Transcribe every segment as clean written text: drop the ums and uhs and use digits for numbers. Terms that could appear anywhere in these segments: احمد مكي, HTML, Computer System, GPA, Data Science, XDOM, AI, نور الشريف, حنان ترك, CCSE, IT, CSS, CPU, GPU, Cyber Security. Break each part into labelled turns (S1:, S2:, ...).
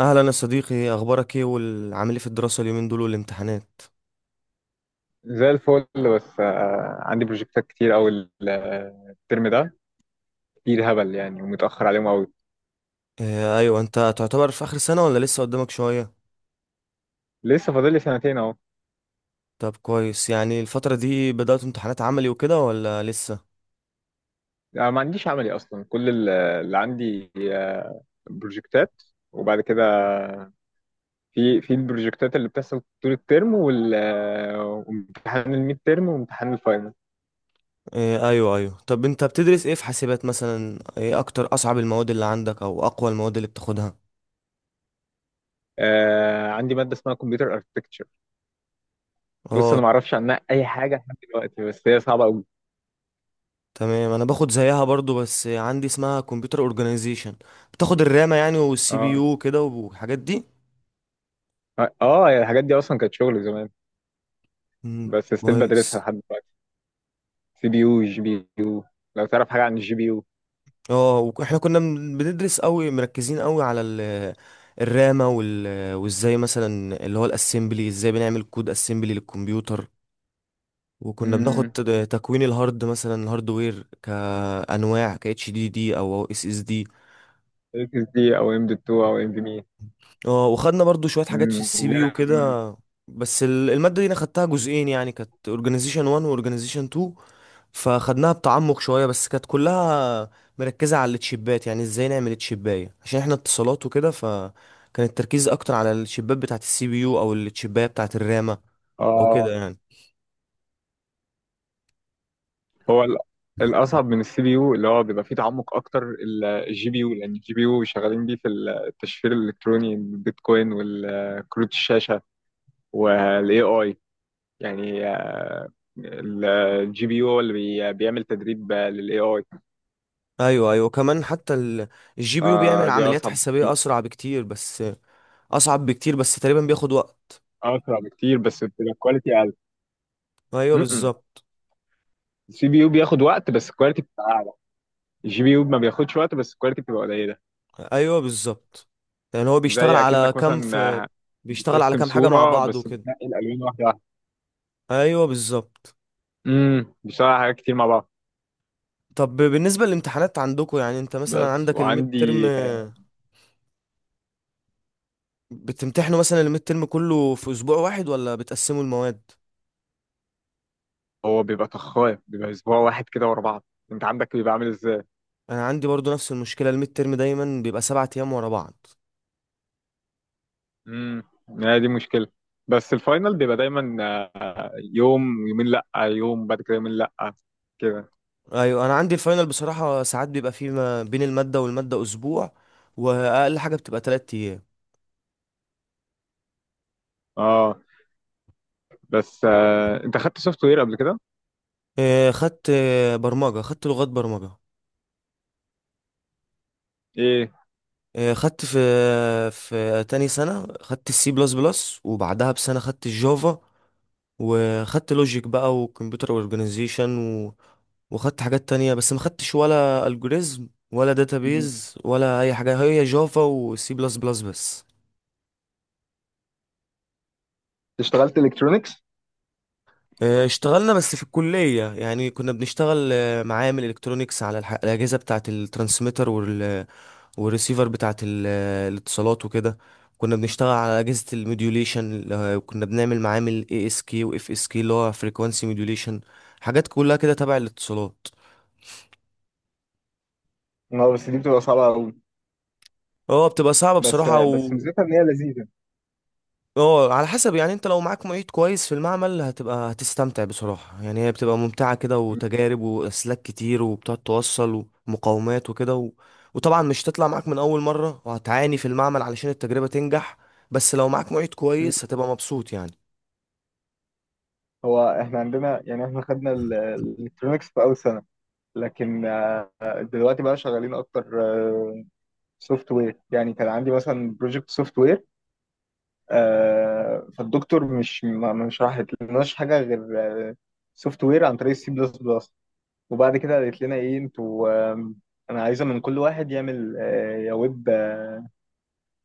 S1: اهلا يا صديقي، اخبارك ايه والعامل ايه في الدراسه اليومين دول والامتحانات؟
S2: زي الفل. بس عندي بروجكتات كتير أوي، الترم ده كتير هبل يعني، ومتأخر عليهم أوي.
S1: آه ايوه، انت تعتبر في اخر سنه ولا لسه قدامك شويه؟
S2: لسه فاضل لي سنتين أهو.
S1: طب كويس، يعني الفتره دي بدات امتحانات عملي وكده ولا لسه؟
S2: أنا ما عنديش عملي أصلا. كل اللي عندي بروجكتات، وبعد كده في البروجكتات اللي بتحصل طول الترم، وال آه، وامتحان الميد ترم وامتحان الفاينل.
S1: آه ايوه ايوه، طب انت بتدرس ايه في حاسبات؟ مثلا ايه اكتر اصعب المواد اللي عندك او اقوى المواد اللي بتاخدها؟
S2: عندي مادة اسمها كمبيوتر اركتكتشر. بص،
S1: اه
S2: أنا ما أعرفش عنها أي حاجة لحد دلوقتي، بس هي صعبة أوي.
S1: تمام، انا باخد زيها برضو، بس عندي اسمها كمبيوتر اورجانيزيشن. بتاخد الرامه يعني والسي بي
S2: اه،
S1: يو كده والحاجات دي.
S2: اه، الحاجات دي أصلا كانت شغل زمان،
S1: مم،
S2: بس ستيل بدرسها
S1: كويس.
S2: لحد. سي بي يو، جي بي يو. لو تعرف حاجة عن الجي بي يو.
S1: اه، واحنا كنا بندرس قوي، مركزين قوي على الرامة وازاي مثلا اللي هو الاسمبلي، ازاي بنعمل كود اسمبلي للكمبيوتر. وكنا بناخد
S2: امم
S1: تكوين الهارد، مثلا الهاردوير كانواع ك اتش دي دي او اس اس دي.
S2: اكس دي او ام دوت 2 او ام في مي.
S1: اه، وخدنا برضو شوية حاجات في السي بي يو
S2: لا. مم.
S1: كده. بس المادة دي انا خدتها جزئين، يعني كانت اورجانيزيشن 1 واورجانيزيشن 2. فاخدناها بتعمق شويه، بس كانت كلها مركزه على التشيبات، يعني ازاي نعمل التشيبايه عشان احنا اتصالات وكده، فكان التركيز اكتر على التشيبات بتاعه السي بي يو او التشيبايه بتاعه الرامه او كده
S2: اه.
S1: يعني.
S2: هو الاصعب من السي بي يو اللي هو بيبقى فيه تعمق اكتر، الجي بي يو، لان الجي بي يو شغالين بيه في التشفير الالكتروني، البيتكوين، والكروت الشاشة، والاي اي، يعني الجي بي يو هو اللي بيعمل تدريب للاي اي.
S1: ايوه ايوه، كمان حتى الجي بي يو بيعمل
S2: فدي
S1: عمليات
S2: اصعب
S1: حسابيه
S2: بكتير.
S1: اسرع بكتير، بس اصعب بكتير، بس تقريبا بياخد وقت.
S2: اسرع بكتير، بس بتبقى كواليتي اقل.
S1: ايوه
S2: م-م.
S1: بالظبط.
S2: السي بي يو بياخد وقت، بس الكواليتي بتبقى اعلى. الجي بي يو ما بياخدش وقت، بس الكواليتي بتبقى قليله.
S1: ايوه بالظبط، يعني هو
S2: زي اكنك مثلا، آه،
S1: بيشتغل على
S2: بترسم
S1: كام حاجه مع
S2: صوره
S1: بعض
S2: بس
S1: وكده.
S2: بتنقي الالوان واحده واحده.
S1: ايوه بالظبط.
S2: بيشتغل على حاجات كتير مع بعض.
S1: طب بالنسبة للامتحانات عندكم، يعني انت مثلا
S2: بس،
S1: عندك الميد ترم،
S2: وعندي.
S1: بتمتحنوا مثلا الميد ترم كله في اسبوع واحد ولا بتقسموا المواد؟
S2: هو بيبقى طخاف، بيبقى اسبوع واحد كده ورا بعض. انت عندك بيبقى عامل ازاي؟
S1: انا عندي برضو نفس المشكلة، الميد ترم دايما بيبقى 7 ايام ورا بعض.
S2: امم هي دي مشكله. بس الفاينل بيبقى دايما يوم، يومين، لا يوم بعد كده، يومين، لا، كده.
S1: ايوه، انا عندي الفاينل بصراحة ساعات بيبقى فيه ما بين المادة والمادة اسبوع، واقل حاجة بتبقى 3 ايام.
S2: اه. بس انت خدت سوفت وير قبل كده؟
S1: اه، خدت برمجة، خدت لغات برمجة.
S2: ايه؟
S1: اه، خدت في تاني سنة خدت السي بلس بلس وبعدها بسنة خدت الجافا، وخدت لوجيك بقى وكمبيوتر اورجانيزيشن و... وخدت حاجات تانية، بس ما خدتش ولا الجوريزم ولا داتابيز ولا اي حاجة، هي جافا وسي بلس بلس بس.
S2: اشتغلت الكترونكس؟
S1: آه، اشتغلنا بس في الكلية، يعني كنا بنشتغل معامل الكترونيكس على الأجهزة بتاعة الترانسميتر والريسيفر بتاعة ال... آه، الاتصالات وكده. كنا بنشتغل على أجهزة الموديوليشن، وكنا بنعمل معامل اي اس كي واف اس كي، اللي هو فريكوانسي موديوليشن. حاجات كلها كده تبع الاتصالات.
S2: اه، بس دي بتبقى صعبة أوي.
S1: اه، بتبقى صعبة
S2: بس
S1: بصراحة و.
S2: بس ميزتها ان هي لذيذه.
S1: اه، على حسب، يعني انت لو معاك معيد كويس في المعمل هتبقى هتستمتع بصراحة، يعني هي بتبقى ممتعة كده،
S2: مم.
S1: وتجارب وأسلاك كتير، وبتقعد توصل ومقاومات وكده وطبعا مش تطلع معاك من أول مرة، وهتعاني في المعمل علشان التجربة تنجح. بس لو معاك معيد
S2: مم.
S1: كويس هتبقى مبسوط يعني.
S2: هو احنا عندنا، يعني احنا خدنا الالكترونكس في اول سنه، لكن دلوقتي بقى شغالين اكتر سوفت وير. يعني كان عندي مثلا بروجكت سوفت وير، فالدكتور مش ما شرحت لناش حاجه غير سوفت وير عن طريق السي بلس بلس. وبعد كده قالت لنا: ايه انتوا، انا عايزه من كل واحد يعمل، يا ويب،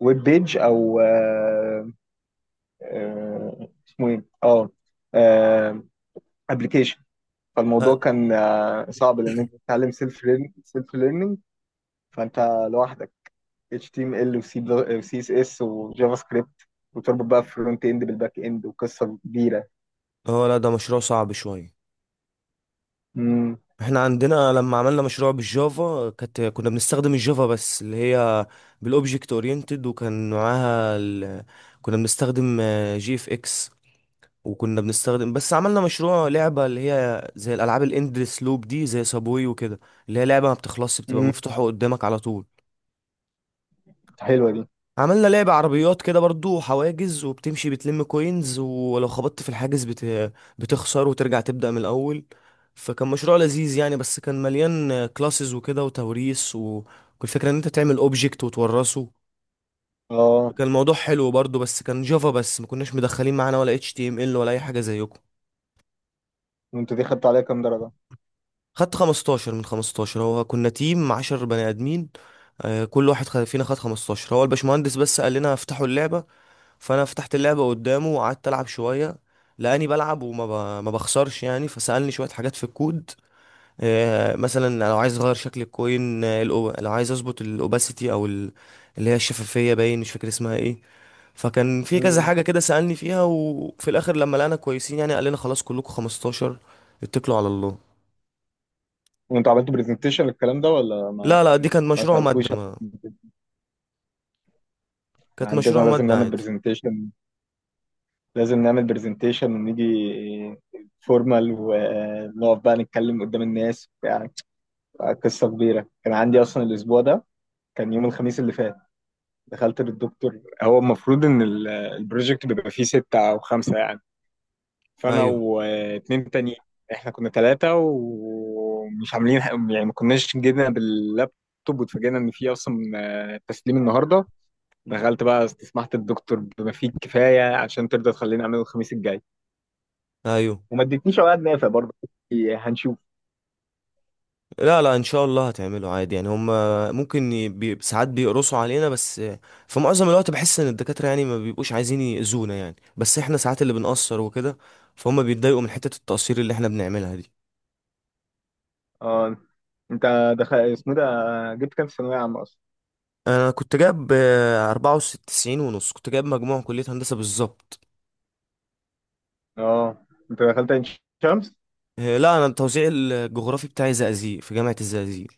S2: ويب بيج، او اسمه ايه، آه، ابلكيشن. فالموضوع
S1: لا،
S2: كان صعب، لان انت بتتعلم سيلف ليرنينج. فانت لوحدك: HTML و C و CSS وجافا سكريبت، وتربط بقى فرونت اند بالباك اند، وقصه كبيره.
S1: اه، لا، ده مشروع صعب شوية.
S2: امم.
S1: احنا عندنا لما عملنا مشروع بالجافا، كانت كنا بنستخدم الجافا بس اللي هي بالاوبجكت اورينتد، وكان معاها كنا بنستخدم جي اف اكس، وكنا بنستخدم، بس عملنا مشروع لعبة اللي هي زي الالعاب الاندلس لوب دي زي سابوي وكده، اللي هي لعبة ما بتخلصش، بتبقى
S2: امم
S1: مفتوحة قدامك على طول.
S2: حلوه دي.
S1: عملنا لعبة عربيات كده برضو، حواجز وبتمشي بتلم كوينز، ولو خبطت في الحاجز بتخسر وترجع تبدأ من الأول، فكان مشروع لذيذ يعني، بس كان مليان كلاسز وكده وتوريث، والفكرة ان انت تعمل اوبجكت وتورثه.
S2: اه،
S1: كان الموضوع حلو برضو، بس كان جافا بس، ما كناش مدخلين معانا ولا HTML ولا اي حاجة زيكم.
S2: وانت دي خدت عليها كام درجه؟
S1: خدت 15 من 15، هو كنا تيم 10 بني ادمين. كل واحد فينا خد 15، هو الباشمهندس بس قال لنا افتحوا اللعبة. فانا فتحت اللعبه قدامه وقعدت العب شويه، لاني بلعب وما ب... ما بخسرش يعني، فسالني شويه حاجات في الكود، مثلا لو عايز اغير شكل الكوين، لو عايز اظبط الاوباسيتي او اللي هي الشفافيه، باين مش فاكر اسمها ايه. فكان في كذا
S2: امم.
S1: حاجه كده سالني فيها، وفي الاخر لما لقينا كويسين يعني، قال لنا خلاص كلكم 15. اتكلوا على الله.
S2: وانت عملت برزنتيشن للكلام ده، ولا ما—
S1: لا لا، دي كانت
S2: ما
S1: مشروع
S2: سالكوش؟
S1: ماده، ما كانت
S2: عندنا
S1: مشروع
S2: لازم
S1: ماده
S2: نعمل
S1: عادي.
S2: برزنتيشن. لازم نعمل برزنتيشن ونيجي فورمال، ونقف بقى نتكلم قدام الناس وبتاع. قصة كبيرة كان عندي أصلا الأسبوع ده، كان يوم الخميس اللي فات. دخلت للدكتور، هو المفروض إن البروجكت بيبقى فيه ستة أو خمسة يعني، فأنا
S1: ايوه
S2: واتنين تانيين، إحنا كنا تلاتة، ومش عاملين يعني، ما كناش جينا باللابتوب، واتفاجئنا إن فيه أصلا تسليم النهاردة. دخلت بقى استسمحت الدكتور بما فيه الكفاية عشان ترضى تخليني أعمله الخميس الجاي،
S1: ايوه.
S2: وما ادتنيش أوقات نافع برضه. هنشوف.
S1: لا لا، ان شاء الله هتعمله عادي يعني، هم ممكن بي ساعات بيقرصوا علينا، بس في معظم الوقت بحس ان الدكاترة يعني ما بيبقوش عايزين يأذونا، يعني بس احنا ساعات اللي بنقصر وكده، فهم بيتضايقوا من حتة التقصير اللي احنا بنعملها دي.
S2: آه، أنت دخل اسمه ده، جبت كام في ثانوية عامة أصلا؟
S1: انا كنت جايب 94.5، كنت جايب مجموع كلية هندسة بالظبط.
S2: اه، انت دخلت عين شمس؟
S1: لا انا التوزيع الجغرافي بتاعي زقازيق، في جامعة الزقازيق.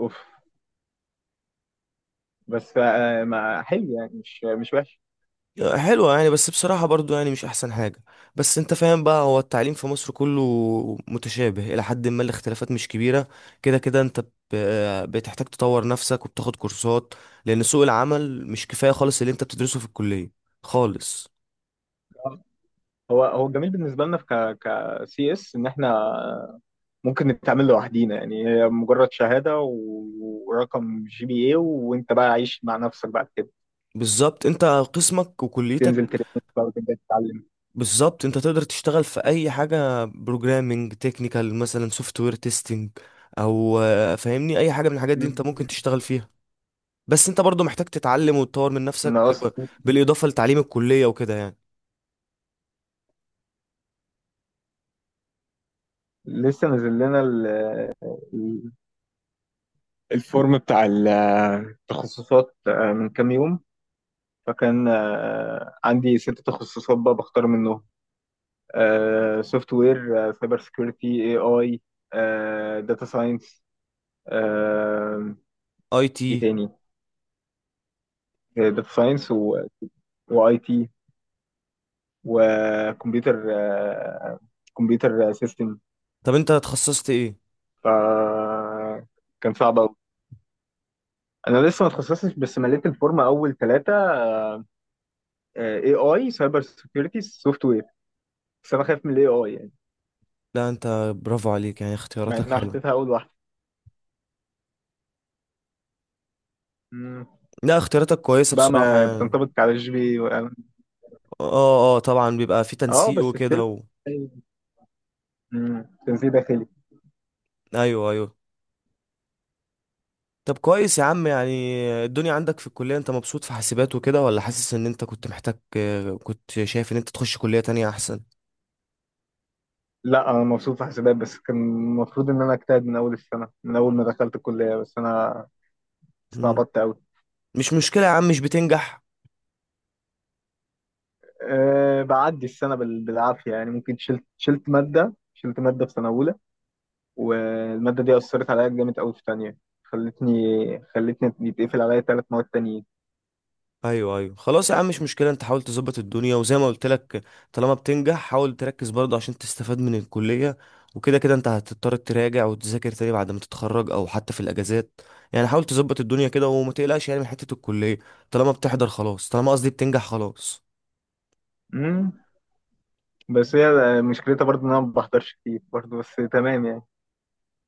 S2: اوف. بس ما حلو يعني، مش وحش.
S1: حلوة يعني، بس بصراحة برضو يعني مش أحسن حاجة. بس أنت فاهم بقى، هو التعليم في مصر كله متشابه إلى حد ما، الاختلافات مش كبيرة. كده كده أنت بتحتاج تطور نفسك وبتاخد كورسات، لأن سوق العمل مش كفاية خالص اللي أنت بتدرسه في الكلية خالص.
S2: آه، هو الجميل بالنسبه لنا في ك سي اس ان احنا ممكن نتعامل لوحدينا، يعني هي مجرد شهاده ورقم جي بي اي، وانت بقى عايش مع نفسك بعد كده.
S1: بالظبط، أنت قسمك وكليتك.
S2: تنزل تريننج بقى وتبدا تتعلم.
S1: بالظبط، أنت تقدر تشتغل في أي حاجة بروجرامينج تكنيكال، مثلا سوفت وير تيستنج أو فاهمني، أي حاجة من الحاجات دي أنت
S2: مم.
S1: ممكن تشتغل فيها. بس انت برضو محتاج تتعلم وتطور من
S2: انا
S1: نفسك،
S2: اصلا
S1: بالاضافه لتعليم الكليه وكده يعني.
S2: لسه نازل لنا ال- الفورم بتاع التخصصات من كام يوم، فكان عندي ست تخصصات بقى بختار منهم: سوفت وير، سايبر سكيورتي، اي اي، داتا ساينس.
S1: IT.
S2: ايه تاني؟ داتا ساينس، واي تي، وكمبيوتر سيستم.
S1: طب انت تخصصت ايه؟
S2: ف كان صعب قوي. انا لسه ما اتخصصتش، بس مليت الفورمه اول ثلاثه: اي اي، سايبر سكيورتي، سوفت وير. بس انا خايف من الاي اي يعني،
S1: لا انت، برافو عليك يعني،
S2: مع
S1: اختياراتك
S2: انها
S1: حلوه.
S2: حطيتها اول واحده. مم.
S1: لا، اختياراتك كويسه
S2: بقى
S1: بصراحه
S2: ما
S1: يعني.
S2: بتنطبق على الجي بي
S1: اه اه، طبعا بيبقى في
S2: اه،
S1: تنسيق
S2: بس ستيل،
S1: وكده و.
S2: تنسيق داخلي.
S1: ايوه ايوه. طب كويس يا عم يعني، الدنيا عندك في الكليه، انت مبسوط في حاسبات وكده ولا حاسس ان انت كنت محتاج، كنت شايف ان انت تخش كليه تانية احسن؟
S2: لا، انا مبسوط في حسابات، بس كان المفروض ان انا اجتهد من اول السنه، من اول ما دخلت الكليه، بس انا
S1: مم.
S2: استعبطت قوي.
S1: مش مشكله يا عم، مش بتنجح؟
S2: أه، بعدي السنه بالعافيه يعني، ممكن شلت ماده في سنه اولى، والماده دي اثرت عليا جامد قوي في ثانيه، خلتني خلتني يتقفل عليا ثلاث مواد تانيين.
S1: ايوه ايوه، خلاص يا عم، مش مشكله، انت حاول تظبط الدنيا وزي ما قلت لك، طالما بتنجح حاول تركز برضه عشان تستفاد من الكليه، وكده كده انت هتضطر تراجع وتذاكر تاني بعد ما تتخرج او حتى في الاجازات، يعني حاول تظبط الدنيا كده وما تقلقش يعني من حته الكليه، طالما بتحضر خلاص، طالما قصدي بتنجح خلاص.
S2: مم. بس هي مشكلتها برضو ان انا ما بحضرش كتير برضو، بس تمام يعني.